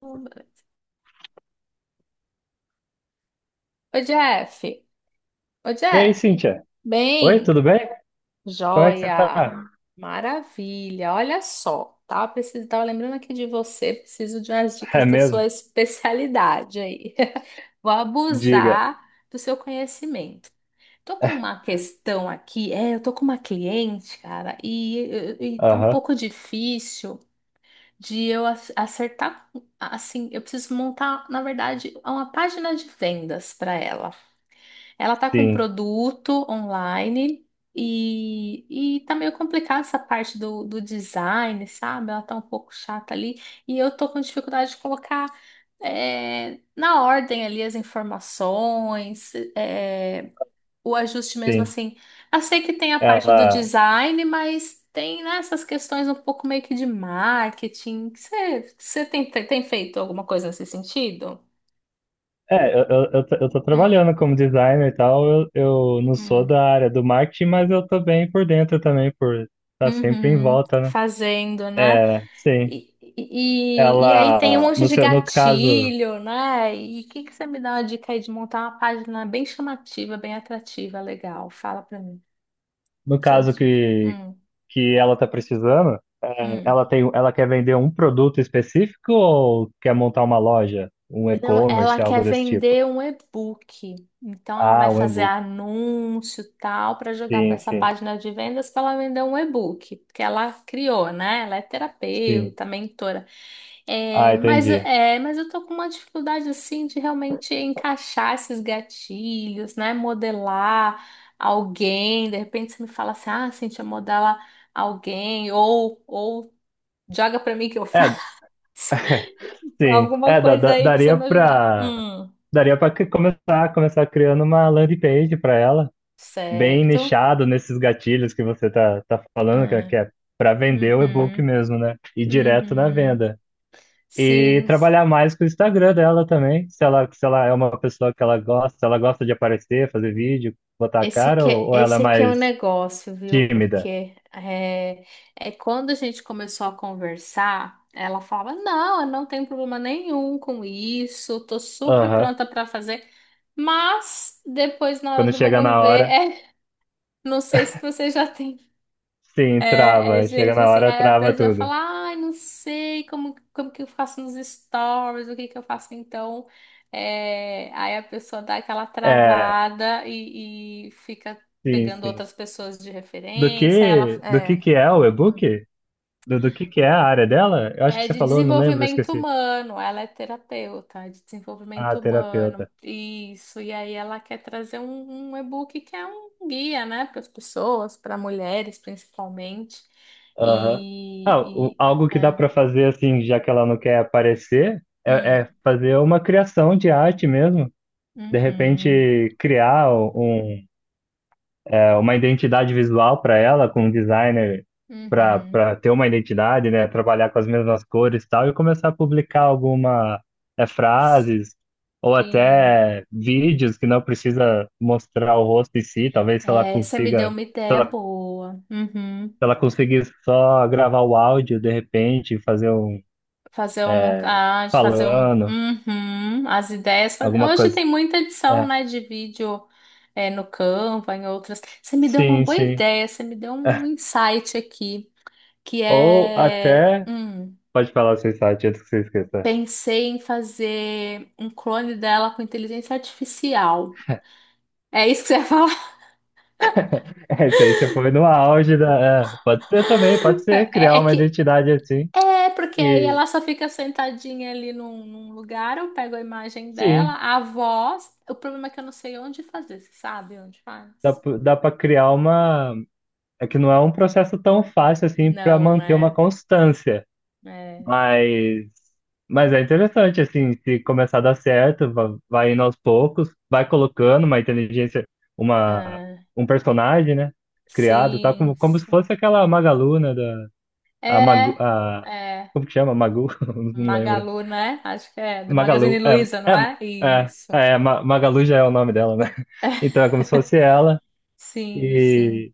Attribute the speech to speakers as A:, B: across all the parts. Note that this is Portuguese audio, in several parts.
A: Ô Jeff, ô
B: E
A: Jeff,
B: aí, Cíntia? Oi,
A: bem,
B: tudo bem? Como é que você tá?
A: joia, maravilha, olha só, tava lembrando aqui de você, preciso de umas dicas
B: É
A: da sua
B: mesmo?
A: especialidade aí, vou
B: Diga.
A: abusar do seu conhecimento. Tô com uma questão aqui, eu tô com uma cliente, cara, e tá um
B: Aham,
A: pouco difícil de eu acertar, assim, eu preciso montar, na verdade, uma página de vendas para ela. Ela tá com um
B: sim,
A: produto online e tá meio complicada essa parte do design, sabe? Ela tá um pouco chata ali e eu tô com dificuldade de colocar na ordem ali as informações, o ajuste mesmo
B: sim.
A: assim. Eu sei que tem a parte do
B: Ela.
A: design, mas tem, né, essas questões um pouco meio que de marketing. Você tem, tem feito alguma coisa nesse sentido?
B: Eu tô
A: Hum,
B: trabalhando como designer e tal. Eu não sou
A: hum.
B: da área do marketing, mas eu tô bem por dentro também, por estar tá sempre em
A: Uhum,
B: volta, né?
A: fazendo, né?
B: É, sim.
A: E aí tem um
B: Ela,
A: monte
B: no
A: de
B: seu, no caso,
A: gatilho, né? E o que que você me dá uma dica aí de montar uma página bem chamativa, bem atrativa, legal? Fala pra mim,
B: no caso
A: suas dicas.
B: que ela tá precisando, é,
A: Hum.
B: ela tem, ela quer vender um produto específico ou quer montar uma loja, um
A: Não, ela
B: e-commerce,
A: quer
B: algo desse tipo?
A: vender um e-book. Então ela vai
B: Ah, um
A: fazer
B: e-book.
A: anúncio e tal para jogar para
B: Sim,
A: essa
B: sim,
A: página de vendas para ela vender um e-book, porque ela criou, né? Ela é
B: sim.
A: terapeuta, mentora.
B: Ah, entendi.
A: É, mas eu tô com uma dificuldade assim de realmente encaixar esses gatilhos, né? Modelar alguém, de repente você me fala assim, ah, Cintia, modela alguém, ou joga pra mim que eu faço.
B: É, sim.
A: Alguma
B: É,
A: coisa aí pra você
B: daria
A: me ajudar.
B: pra. Daria para começar, começar criando uma landing page para ela, bem
A: Certo.
B: nichado nesses gatilhos que você tá falando,
A: Ah,
B: que é pra vender o e-book
A: uhum,
B: mesmo, né? E direto na
A: uhum.
B: venda. E
A: Sim.
B: trabalhar mais com o Instagram dela também, se ela é uma pessoa que ela gosta, se ela gosta de aparecer, fazer vídeo, botar a cara, ou, ela é
A: Esse que é o
B: mais
A: negócio, viu?
B: tímida?
A: É quando a gente começou a conversar, ela falava: Não, eu não tenho problema nenhum com isso, tô super
B: Aham.
A: pronta para fazer. Mas depois, na hora
B: Quando
A: do
B: chega
A: vamos
B: na
A: ver,
B: hora.
A: não sei se você já tem
B: Sim, trava. Chega
A: gente
B: na
A: assim,
B: hora,
A: aí a
B: trava
A: pessoa
B: tudo.
A: fala, ai, não sei como, como que eu faço nos stories, o que que eu faço então. É, aí a pessoa dá aquela
B: É,
A: travada e fica
B: sim,
A: pegando
B: sim.
A: outras pessoas de referência, aí ela,
B: Do
A: é.
B: que é o e-book? Do que é a área dela? Eu acho que
A: É
B: você
A: de
B: falou, eu não lembro, eu
A: desenvolvimento
B: esqueci.
A: humano, ela é terapeuta, é de
B: Ah,
A: desenvolvimento humano,
B: terapeuta.
A: isso. E aí ela quer trazer um e-book que é um guia, né, para as pessoas, para mulheres principalmente.
B: Aham. Ah,
A: E, e
B: algo que dá
A: é.
B: para fazer, assim, já que ela não quer aparecer,
A: Hum,
B: é fazer uma criação de arte mesmo. De
A: uhum,
B: repente, criar um, uma identidade visual para ela, com um designer
A: uhum.
B: para ter uma identidade, né? Trabalhar com as mesmas cores e tal, e começar a publicar alguma é, frases ou
A: Sim.
B: até vídeos que não precisa mostrar o rosto em si, talvez se ela
A: É, você me deu
B: consiga,
A: uma ideia
B: se
A: boa. Uhum.
B: ela conseguir só gravar o áudio de repente, fazer um
A: Fazer uma montagem, fazer um.
B: falando,
A: Uhum, as ideias.
B: alguma
A: Hoje
B: coisa.
A: tem muita edição,
B: É,
A: né, de vídeo no Canva, em outras. Você me deu uma
B: sim,
A: boa
B: sim.
A: ideia, você me deu um insight aqui, que
B: Ou
A: é.
B: até, pode falar sem site antes que você esqueça.
A: Pensei em fazer um clone dela com inteligência artificial. É isso que você ia falar?
B: É, isso aí você foi no auge da. É, pode ser também, pode ser
A: É,
B: criar
A: é
B: uma
A: que
B: identidade assim.
A: porque aí
B: E
A: ela só fica sentadinha ali num lugar, eu pego a imagem dela,
B: sim,
A: a voz. O problema é que eu não sei onde fazer, você sabe onde
B: dá,
A: faz?
B: dá para criar uma. É que não é um processo tão fácil assim para
A: Não,
B: manter uma
A: né?
B: constância,
A: É,
B: mas. Mas é interessante, assim, se começar a dar certo, vai indo aos poucos, vai colocando uma inteligência, uma,
A: é,
B: um personagem, né? Criado, tá
A: sim,
B: como, como se
A: sim.
B: fosse aquela Magalu, né? Da, a Magu,
A: É,
B: a,
A: é.
B: como que chama? Magu? Não lembro.
A: Magalu, né? Acho que é. Do Magazine
B: Magalu.
A: Luiza,
B: É,
A: não
B: é,
A: é?
B: é,
A: Isso.
B: é, Magalu já é o nome dela, né? Então é como se fosse ela.
A: Sim, sim.
B: E,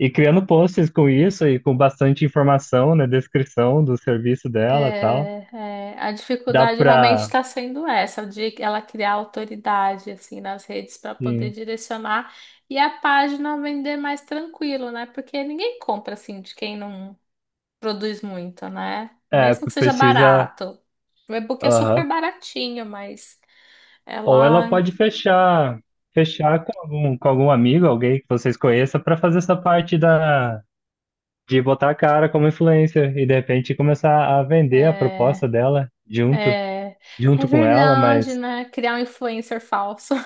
B: e criando posts com isso e com bastante informação, né? Descrição do serviço dela e tal.
A: É, a
B: Dá
A: dificuldade realmente
B: pra.
A: está sendo essa, de ela criar autoridade assim nas redes para poder
B: Sim,
A: direcionar e a página vender mais tranquilo, né? Porque ninguém compra assim de quem não produz muito, né?
B: é,
A: Mesmo que seja
B: precisa.
A: barato. O e-book é
B: Aham.
A: super baratinho, mas
B: Ou ela
A: ela
B: pode fechar. Fechar com algum amigo, alguém que vocês conheçam, para fazer essa parte da, de botar a cara como influencer e de repente começar a vender a proposta
A: é,
B: dela junto,
A: é, é
B: junto com ela,
A: verdade,
B: mas
A: né? Criar um influencer falso.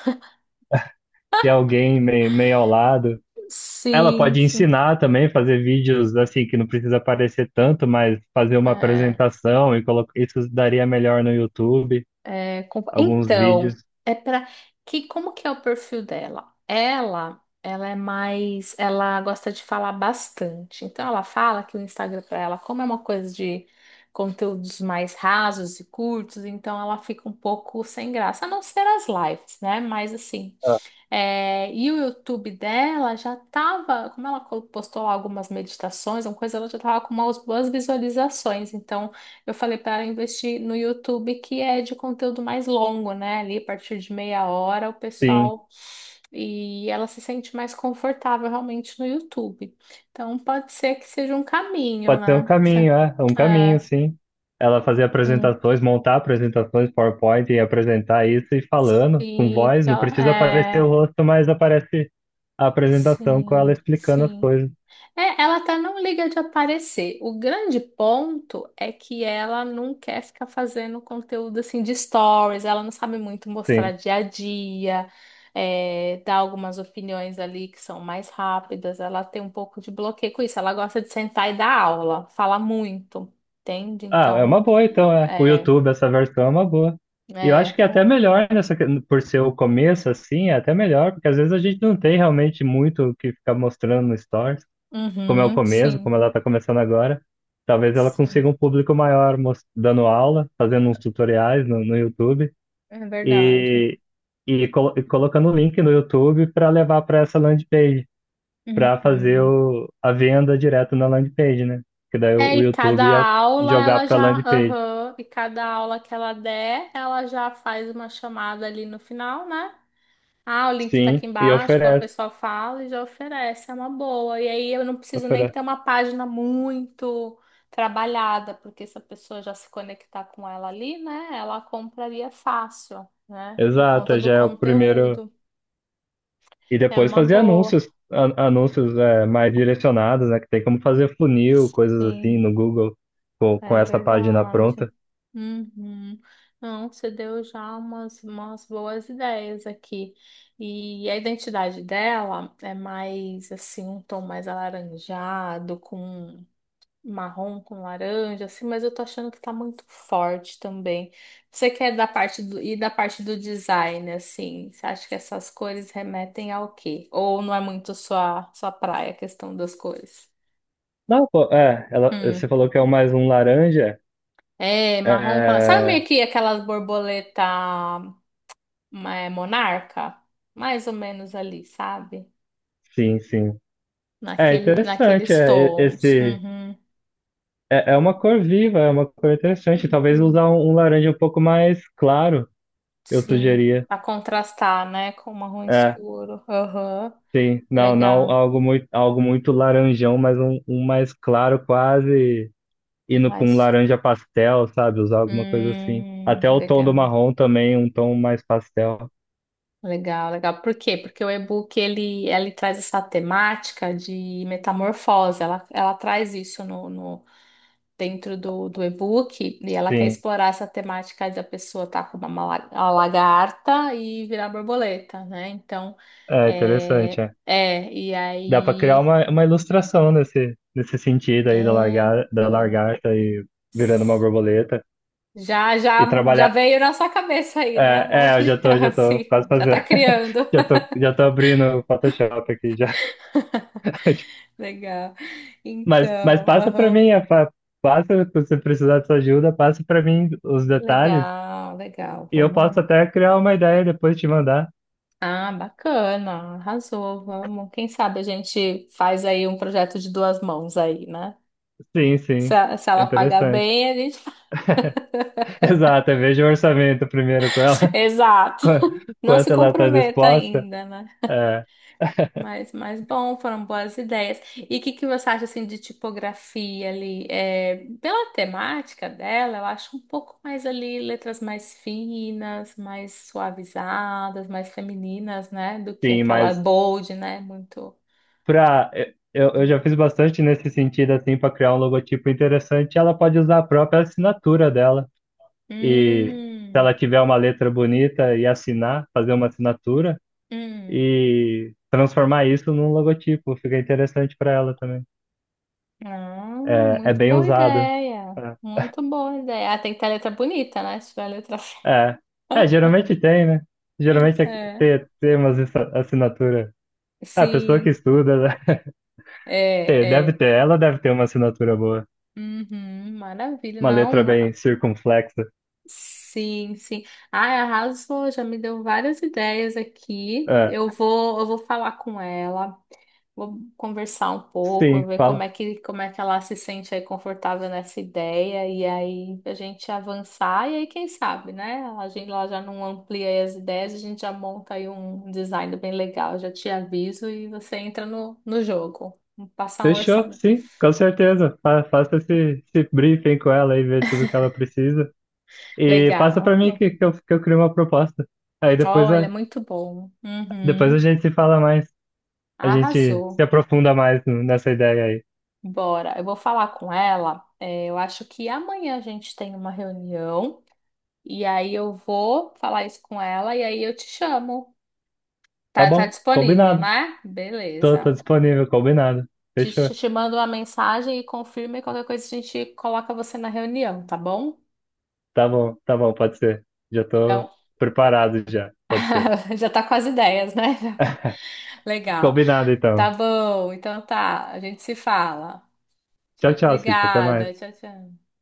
B: ter alguém meio, meio ao lado. Ela
A: Sim,
B: pode
A: sim.
B: ensinar também, fazer vídeos assim que não precisa aparecer tanto, mas fazer uma
A: É,
B: apresentação e colocar isso daria melhor no YouTube,
A: é, com-
B: alguns vídeos.
A: então, é para que como que é o perfil dela? Ela é mais, ela gosta de falar bastante. Então ela fala que o Instagram para ela, como é uma coisa de conteúdos mais rasos e curtos, então ela fica um pouco sem graça, a não ser as lives, né? Mas assim,
B: Ah,
A: é, e o YouTube dela já estava como ela postou lá algumas meditações, uma coisa, ela já tava com umas boas visualizações. Então, eu falei para ela investir no YouTube, que é de conteúdo mais longo, né? Ali, a partir de meia hora, o
B: sim,
A: pessoal. E ela se sente mais confortável realmente no YouTube. Então, pode ser que seja um caminho,
B: pode ser um
A: né? Você-
B: caminho, é, um
A: É,
B: caminho, sim. Ela fazer
A: hum,
B: apresentações, montar apresentações, PowerPoint e apresentar isso e falando com
A: sim,
B: voz,
A: porque
B: não
A: ela.
B: precisa aparecer
A: É,
B: o rosto, mas aparece a apresentação com ela
A: sim,
B: explicando as
A: sim.
B: coisas.
A: É, ela até não liga de aparecer. O grande ponto é que ela não quer ficar fazendo conteúdo assim de stories, ela não sabe muito mostrar
B: Sim.
A: dia a dia, dar algumas opiniões ali que são mais rápidas. Ela tem um pouco de bloqueio com isso. Ela gosta de sentar e dar aula, fala muito, entende?
B: Ah, é
A: Então,
B: uma boa então, é. O
A: é,
B: YouTube, essa versão é uma boa. E eu acho
A: é,
B: que é até melhor nessa, que- por ser o começo assim, é até melhor, porque às vezes a gente não tem realmente muito o que ficar mostrando no Stories, como é o
A: uhum,
B: começo,
A: sim,
B: como ela está começando agora. Talvez ela
A: sim,
B: consiga um público maior mos- dando aula, fazendo uns tutoriais no YouTube
A: é verdade.
B: e, e colocando o link no YouTube para levar para essa landing page, para fazer
A: Uhum.
B: o, a venda direto na landing page, né? Que daí
A: É,
B: o
A: e cada
B: YouTube ia
A: aula
B: jogar
A: ela
B: para
A: já,
B: landing page.
A: aham, e cada aula que ela der, ela já faz uma chamada ali no final, né? Ah, o link tá
B: Sim,
A: aqui
B: e
A: embaixo, a
B: oferece,
A: pessoa fala e já oferece, é uma boa. E aí eu não preciso nem
B: oferece.
A: ter uma página muito trabalhada, porque se a pessoa já se conectar com ela ali, né, ela compraria fácil, né, por conta
B: Exato,
A: do
B: já é o primeiro.
A: conteúdo.
B: E
A: É
B: depois
A: uma
B: fazer
A: boa,
B: anúncios, anúncios é, mais direcionados, né? Que tem como fazer funil, coisas assim
A: sim.
B: no Google com
A: É
B: essa página
A: verdade.
B: pronta.
A: Uhum. Não, você deu já umas boas ideias aqui. E a identidade dela é mais assim, um tom mais alaranjado, com marrom, com laranja, assim, mas eu tô achando que tá muito forte também. Você quer da parte do, e da parte do design, assim, você acha que essas cores remetem ao quê? Ou não é muito sua praia, a questão das cores?
B: Não, pô, é, ela, você falou que é o mais um laranja.
A: É, marrom. Sabe meio
B: É,
A: que aquelas borboleta monarca? Mais ou menos ali, sabe?
B: sim, sim. É interessante,
A: Naqueles
B: é,
A: tons.
B: esse.
A: Uhum.
B: É, é uma cor viva, é uma cor interessante. Talvez
A: Uhum.
B: usar um, um laranja um pouco mais claro, eu
A: Sim,
B: sugeria.
A: para contrastar, né, com o marrom
B: É,
A: escuro. Aham.
B: sim, não, não,
A: Legal.
B: algo muito laranjão, mas um mais claro, quase indo para um
A: Mas
B: laranja pastel, sabe? Usar alguma coisa assim. Até o tom do
A: legal.
B: marrom também, um tom mais pastel.
A: Legal, legal. Por quê? Porque o e-book ele traz essa temática de metamorfose. Ela traz isso dentro do e-book e ela quer
B: Sim,
A: explorar essa temática da pessoa estar com uma a lagarta e virar borboleta, né? Então,
B: é interessante,
A: é,
B: é.
A: é e
B: Dá para criar
A: aí,
B: uma ilustração nesse, nesse sentido aí da
A: é,
B: largar, da
A: então,
B: lagarta e virando uma borboleta
A: já, já,
B: e
A: já
B: trabalhar.
A: veio na sua cabeça aí, né? Um
B: É,
A: monte
B: é,
A: de,
B: já tô
A: assim,
B: quase
A: já tá
B: fazendo.
A: criando.
B: Já tô abrindo o Photoshop aqui, já.
A: Legal.
B: Mas
A: Então,
B: passa para
A: aham.
B: mim, passa, se você precisar de sua ajuda, passa para mim os detalhes
A: Legal, legal.
B: e eu posso
A: Vamos.
B: até criar uma ideia e depois te mandar.
A: Ah, bacana, arrasou, vamos. Quem sabe a gente faz aí um projeto de duas mãos aí, né?
B: Sim, sim,
A: Se
B: é
A: ela pagar
B: interessante.
A: bem, a gente.
B: Exato, eu vejo o orçamento primeiro com ela,
A: Exato.
B: qua-
A: Não se
B: quanto ela está
A: comprometa
B: disposta.
A: ainda, né?
B: É,
A: Mas bom, foram boas ideias. E o que que você acha assim de tipografia ali? É, pela temática dela, eu acho um pouco mais ali letras mais finas, mais suavizadas, mais femininas, né? Do que
B: sim,
A: aquela
B: mas
A: bold, né? Muito.
B: pra, é, eu já fiz bastante nesse sentido, assim, para criar um logotipo interessante, ela pode usar a própria assinatura dela e se
A: Hum,
B: ela tiver uma letra bonita e assinar, fazer uma assinatura
A: hum.
B: e transformar isso num logotipo. Fica interessante para ela também.
A: Ah,
B: É, é
A: muito
B: bem
A: boa
B: usado.
A: ideia. Muito boa ideia. Ah, tem que ter letra bonita, né? Se tiver letra feia.
B: É. É. É, geralmente tem, né? Geralmente é
A: É.
B: ter, umas assinatura. A pessoa que
A: Sim,
B: estuda, né?
A: é,
B: Deve
A: é.
B: ter, ela deve ter uma assinatura boa.
A: Uhum, maravilha.
B: Uma letra
A: Não,
B: bem circunflexa.
A: sim, sim. Ai, arrasou, já me deu várias ideias aqui.
B: É,
A: Eu vou falar com ela, vou conversar um pouco,
B: sim,
A: ver
B: fala.
A: como é que ela se sente aí confortável nessa ideia, e aí a gente avançar, e aí quem sabe, né? A gente lá já não amplia aí as ideias, a gente já monta aí um design bem legal, já te aviso e você entra no jogo. Passar um
B: Fechou,
A: orçamento.
B: sim, com certeza. Faça esse, esse briefing com ela e vê tudo que ela precisa. E passa
A: Legal.
B: para mim
A: Uhum.
B: que eu crio uma proposta. Aí depois
A: Olha,
B: a,
A: muito bom.
B: depois a
A: Uhum.
B: gente se fala mais. A gente se
A: Arrasou.
B: aprofunda mais nessa ideia aí.
A: Bora, eu vou falar com ela. É, eu acho que amanhã a gente tem uma reunião e aí eu vou falar isso com ela e aí eu te chamo.
B: Tá
A: Tá
B: bom,
A: disponível,
B: combinado.
A: né?
B: Tô, tô
A: Beleza.
B: disponível, combinado. Fechou.
A: Te mando uma mensagem e confirma e qualquer coisa a gente coloca você na reunião, tá bom?
B: Tá bom, pode ser. Já
A: Então,
B: tô preparado já, pode ser.
A: já tá com as ideias, né? Legal.
B: Combinado
A: Tá
B: então.
A: bom, então tá. A gente se fala.
B: Tchau, tchau, Cítia. Até
A: Obrigada.
B: mais.
A: Tchau, tchau.